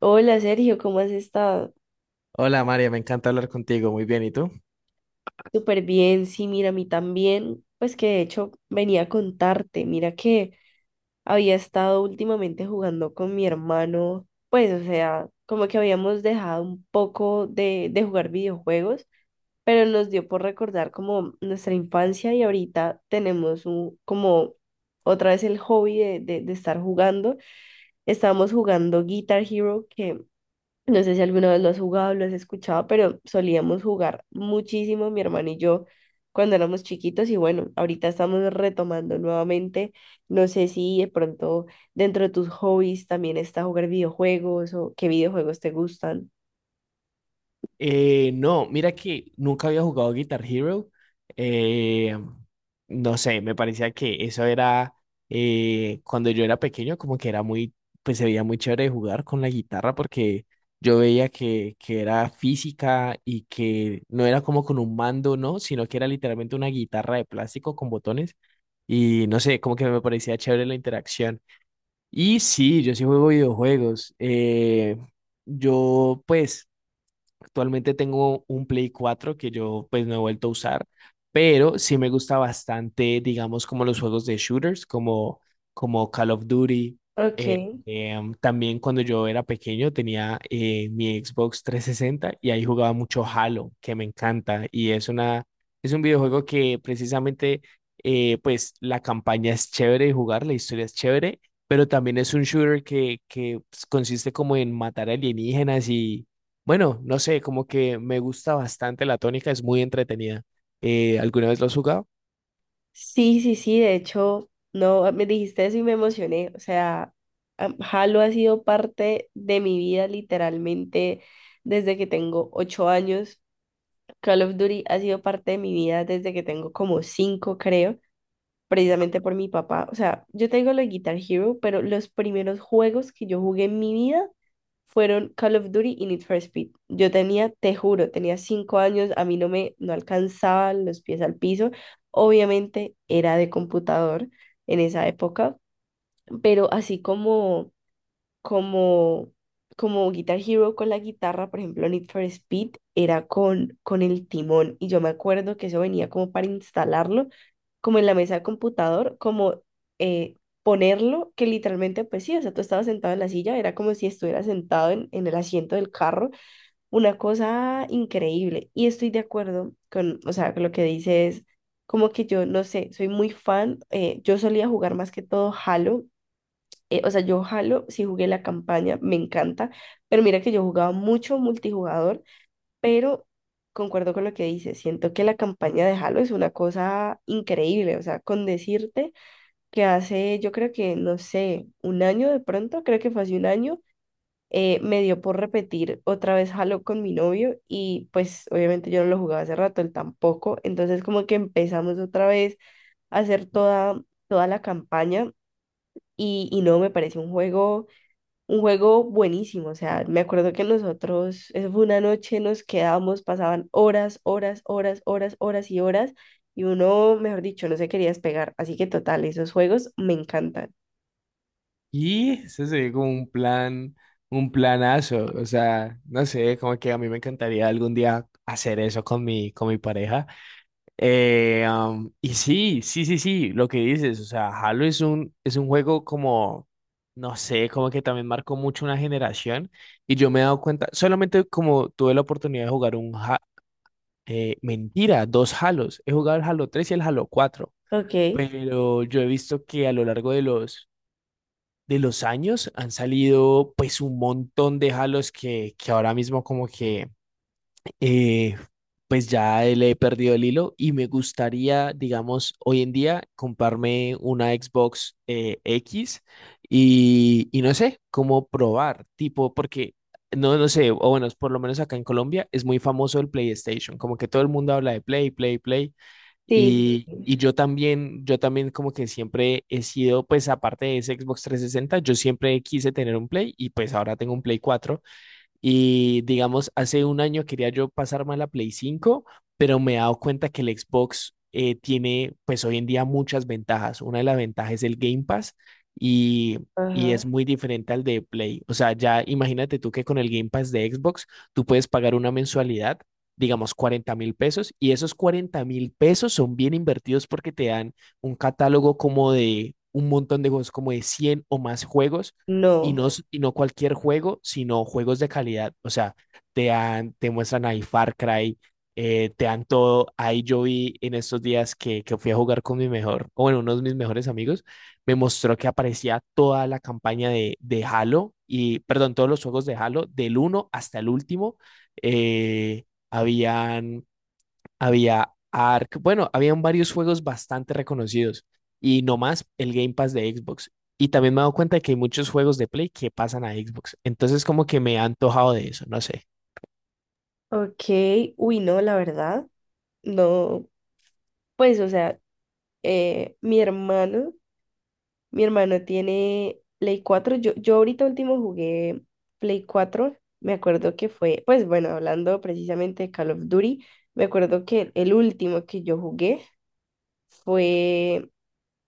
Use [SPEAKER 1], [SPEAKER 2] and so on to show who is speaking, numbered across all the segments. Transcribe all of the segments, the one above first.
[SPEAKER 1] Hola Sergio, ¿cómo has estado?
[SPEAKER 2] Hola María, me encanta hablar contigo. Muy bien, ¿y tú?
[SPEAKER 1] Súper bien, sí, mira, a mí también, pues que de hecho venía a contarte, mira que había estado últimamente jugando con mi hermano, pues o sea, como que habíamos dejado un poco de jugar videojuegos, pero nos dio por recordar como nuestra infancia y ahorita tenemos como otra vez el hobby de estar jugando. Estábamos jugando Guitar Hero. Que No sé si alguna vez lo has jugado, lo has escuchado, pero solíamos jugar muchísimo mi hermano y yo cuando éramos chiquitos y bueno, ahorita estamos retomando nuevamente. No sé si de pronto dentro de tus hobbies también está jugar videojuegos o qué videojuegos te gustan.
[SPEAKER 2] No, mira que nunca había jugado Guitar Hero. eh, no sé, me parecía que eso era cuando yo era pequeño, como que era muy, pues se veía muy chévere jugar con la guitarra porque yo veía que era física y que no era como con un mando, ¿no? Sino que era literalmente una guitarra de plástico con botones y no sé, como que me parecía chévere la interacción. Y sí, yo sí juego videojuegos. Yo, pues, Actualmente tengo un Play 4 que yo pues no he vuelto a usar, pero sí me gusta bastante, digamos, como los juegos de shooters, como Call of Duty. Eh,
[SPEAKER 1] Ok.
[SPEAKER 2] También cuando yo era pequeño tenía mi Xbox trescientos sesenta y ahí jugaba mucho Halo, que me encanta. Es un videojuego que precisamente, pues la campaña es chévere de jugar, la historia es chévere, pero también es un shooter que pues, consiste como en matar alienígenas y bueno, no sé, como que me gusta bastante la tónica, es muy entretenida. ¿Alguna vez lo has jugado?
[SPEAKER 1] Sí, sí, sí, de hecho, no, me dijiste eso y me emocioné. O sea, Halo ha sido parte de mi vida literalmente desde que tengo 8 años. Call of Duty ha sido parte de mi vida desde que tengo como cinco, creo, precisamente por mi papá. O sea, yo tengo la Guitar Hero, pero los primeros juegos que yo jugué en mi vida fueron Call of Duty y Need for Speed. Yo tenía, te juro, tenía 5 años, a mí no alcanzaban los pies al piso. Obviamente era de computador en esa época, pero así como, como Guitar Hero con la guitarra, por ejemplo, Need for Speed era con el timón y yo me acuerdo que eso venía como para instalarlo, como en la mesa de computador, como eh, ponerlo, que literalmente, pues sí, o sea, tú estabas sentado en la silla, era como si estuvieras sentado en el asiento del carro, una cosa increíble. Y estoy de acuerdo con, o sea, con lo que dices. Como que yo, no sé, soy muy fan. Yo solía jugar más que todo Halo. O sea, yo Halo sí jugué la campaña, me encanta, pero mira que yo jugaba mucho multijugador, pero concuerdo con lo que dices, siento que la campaña de Halo es una cosa increíble, o sea, con decirte que hace, yo creo que, no sé, un año de pronto, creo que fue hace un año, me dio por repetir otra vez Halo con mi novio y pues obviamente yo no lo jugaba hace rato, él tampoco, entonces como que empezamos otra vez a hacer toda, toda la campaña y no, me parece un juego buenísimo, o sea, me acuerdo que nosotros, eso fue una noche, nos quedábamos, pasaban horas, horas, horas, horas, horas y horas, y uno, mejor dicho, no se quería despegar, así que total, esos juegos me encantan.
[SPEAKER 2] Y eso sería como un plan, un planazo. O sea, no sé, como que a mí me encantaría algún día hacer eso con mi pareja. Y sí, sí, sí, sí, lo que dices, o sea, es un juego como, no sé, como que también marcó mucho una generación. Y yo me he dado cuenta, solamente como tuve la oportunidad de jugar mentira, dos Halos. He jugado el Halo tres y el Halo cuatro,
[SPEAKER 1] Ok, sí,
[SPEAKER 2] pero yo he visto que a lo largo de de los años han salido pues un montón de Halos que ahora mismo como que eh, pues ya le he perdido el hilo y me gustaría, digamos, hoy en día comprarme una Xbox X y no sé cómo probar, tipo, porque no sé, o bueno, por lo menos acá en Colombia es muy famoso el PlayStation, como que todo el mundo habla de Play, Play, Play.
[SPEAKER 1] sí,
[SPEAKER 2] Y
[SPEAKER 1] sí.
[SPEAKER 2] yo también como que siempre he sido, pues aparte de ese Xbox 360, yo siempre quise tener un Play y pues ahora tengo un Play 4 y digamos, hace un año quería yo pasarme a la Play cinco, pero me he dado cuenta que el Xbox tiene, pues hoy en día, muchas ventajas. Una de las ventajas es el Game Pass y, y es
[SPEAKER 1] Ajá,
[SPEAKER 2] muy diferente al de Play. O sea, ya imagínate tú que con el Game Pass de Xbox tú puedes pagar una mensualidad, digamos, 40 mil pesos, y esos 40 mil pesos son bien invertidos porque te dan un catálogo como de un montón de juegos, como de 100 o más juegos
[SPEAKER 1] no,
[SPEAKER 2] y no cualquier juego, sino juegos de calidad. O sea, te, dan, te muestran ahí Far Cry, te dan todo. Ahí yo vi en estos días que fui a jugar con mi mejor, o bueno, uno de mis mejores amigos, me mostró que aparecía toda la campaña de Halo, y perdón, todos los juegos de Halo, del uno hasta el último. Eh, habían Había Ark, bueno, habían varios juegos bastante reconocidos y no más el Game Pass de Xbox. Y también me he dado cuenta de que hay muchos juegos de Play que pasan a Xbox. Entonces como que me ha antojado de eso, no sé.
[SPEAKER 1] ok, uy, no, la verdad, no, pues, o sea, eh, mi hermano Mi hermano tiene Play 4. Yo ahorita último jugué Play 4. Me acuerdo que fue, pues bueno, hablando precisamente de Call of Duty, me acuerdo que el último que yo jugué fue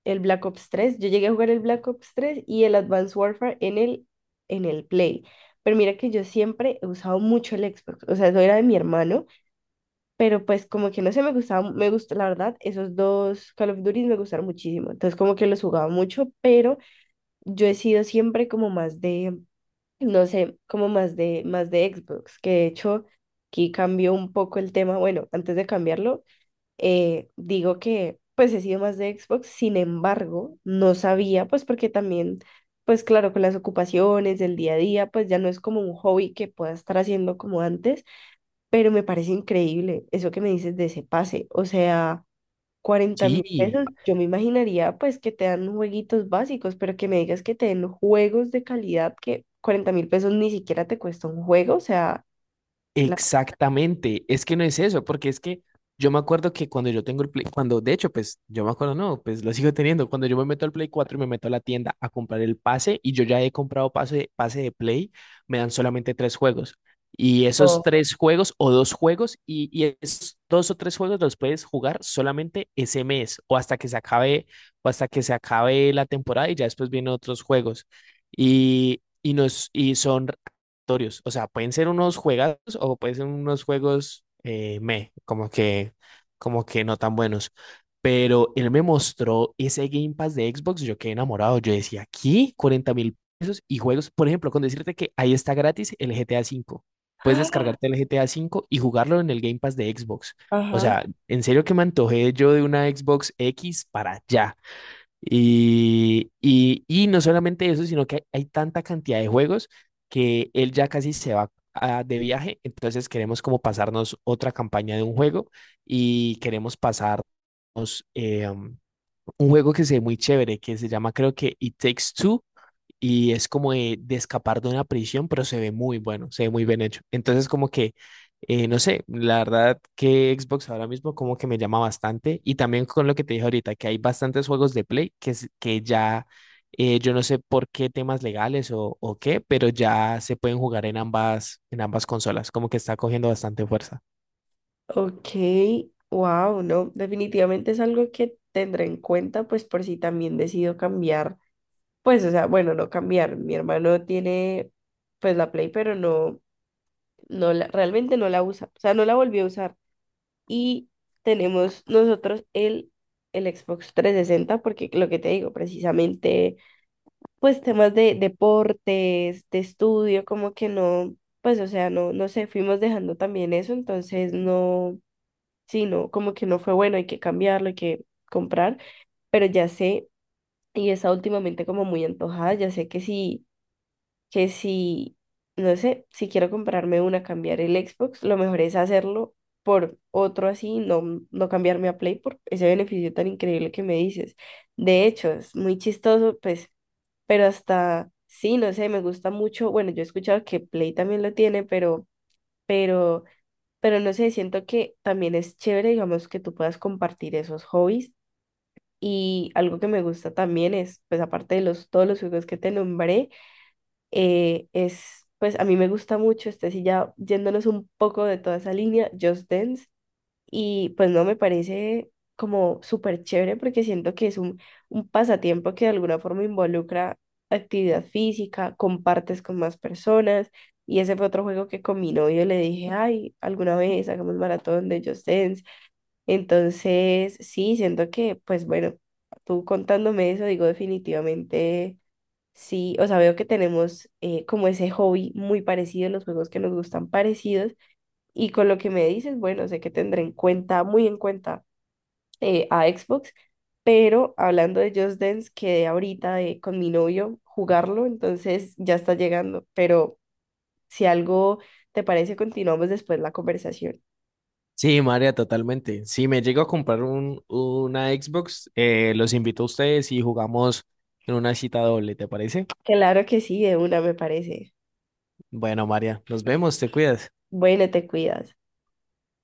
[SPEAKER 1] el Black Ops 3. Yo llegué a jugar el Black Ops 3 y el Advanced Warfare en el Play. Pero mira que yo siempre he usado mucho el Xbox, o sea, eso era de mi hermano, pero pues como que no sé, me gustaba, me gustó, la verdad, esos dos Call of Duty me gustaron muchísimo, entonces como que los jugaba mucho, pero yo he sido siempre como más de, no sé, como más de Xbox, que de hecho aquí cambió un poco el tema. Bueno, antes de cambiarlo, digo que pues he sido más de Xbox, sin embargo, no sabía, pues porque también, pues claro, con las ocupaciones del día a día, pues ya no es como un hobby que pueda estar haciendo como antes, pero me parece increíble eso que me dices de ese pase, o sea cuarenta mil
[SPEAKER 2] Sí,
[SPEAKER 1] pesos, yo me imaginaría pues que te dan jueguitos básicos, pero que me digas que te den juegos de calidad que 40.000 pesos ni siquiera te cuesta un juego, o sea, la-
[SPEAKER 2] exactamente, es que no es eso, porque es que yo me acuerdo que cuando yo tengo el Play, cuando de hecho, pues yo me acuerdo, no, pues lo sigo teniendo, cuando yo me meto al Play 4 y me meto a la tienda a comprar el pase y yo ya he comprado pase, pase de Play, me dan solamente tres juegos. Y esos
[SPEAKER 1] no.
[SPEAKER 2] tres juegos o dos juegos y esos dos o tres juegos los puedes jugar solamente ese mes o hasta que se acabe o hasta que se acabe la temporada y ya después vienen otros juegos. Y son aleatorios. O sea, pueden ser unos juegazos o pueden ser unos juegos meh, como como que no tan buenos. Pero él me mostró ese Game Pass de Xbox, yo quedé enamorado. Yo decía, aquí 40 mil pesos y juegos. Por ejemplo, con decirte que ahí está gratis el GTA cinco. Puedes descargarte el GTA cinco y jugarlo en el Game Pass de Xbox. O
[SPEAKER 1] Ajá,
[SPEAKER 2] sea, en serio que me antojé yo de una Xbox X para allá. Y no solamente eso, sino que hay tanta cantidad de juegos que él ya casi de viaje, entonces queremos como pasarnos otra campaña de un juego y queremos pasarnos un juego que se ve muy chévere, que se llama creo que It Takes Two, y es como de escapar de una prisión, pero se ve muy bueno, se ve muy bien hecho. Entonces, como que, no sé, la verdad que Xbox ahora mismo como que me llama bastante y también con lo que te dije ahorita, que hay bastantes juegos de Play que ya, yo no sé por qué temas legales o qué, pero ya se pueden jugar en en ambas consolas, como que está cogiendo bastante fuerza.
[SPEAKER 1] ok, wow, no, definitivamente es algo que tendré en cuenta, pues por si también decido cambiar, pues o sea, bueno, no cambiar, mi hermano tiene pues la Play, pero no, no, realmente no la usa, o sea, no la volvió a usar. Y tenemos nosotros el Xbox 360 porque lo que te digo, precisamente, pues temas de deportes, de estudio, como que no, pues o sea, no, no sé, fuimos dejando también eso, entonces no, sí, no, como que no fue bueno, hay que cambiarlo, hay que comprar, pero ya sé, y está últimamente como muy antojada, ya sé que sí que si, no sé, si quiero comprarme una, cambiar el Xbox, lo mejor es hacerlo por otro así, no, no cambiarme a Play por ese beneficio tan increíble que me dices. De hecho, es muy chistoso, pues, pero hasta, sí, no sé, me gusta mucho, bueno, yo he escuchado que Play también lo tiene, pero, pero no sé, siento que también es chévere, digamos, que tú puedas compartir esos hobbies. Y algo que me gusta también es, pues aparte de todos los juegos que te nombré, es, pues a mí me gusta mucho, este sí ya yéndonos un poco de toda esa línea, Just Dance, y pues no me parece como súper chévere porque siento que es un pasatiempo que de alguna forma involucra actividad física, compartes con más personas, y ese fue otro juego que con mi novio le dije, ay, alguna vez hagamos maratón de Just Dance, entonces sí, siento que, pues bueno, tú contándome eso, digo definitivamente. Sí, o sea, veo que tenemos como ese hobby muy parecido, los juegos que nos gustan parecidos. Y con lo que me dices, bueno, sé que tendré en cuenta, muy en cuenta a Xbox, pero hablando de Just Dance, quedé ahorita con mi novio jugarlo, entonces ya está llegando. Pero si algo te parece, continuamos después la conversación.
[SPEAKER 2] Sí, María, totalmente. Si me llego a comprar una Xbox, los invito a ustedes y jugamos en una cita doble, ¿te parece?
[SPEAKER 1] Claro que sí, de una me parece.
[SPEAKER 2] Bueno, María, nos vemos, te cuidas.
[SPEAKER 1] Bueno, te cuidas.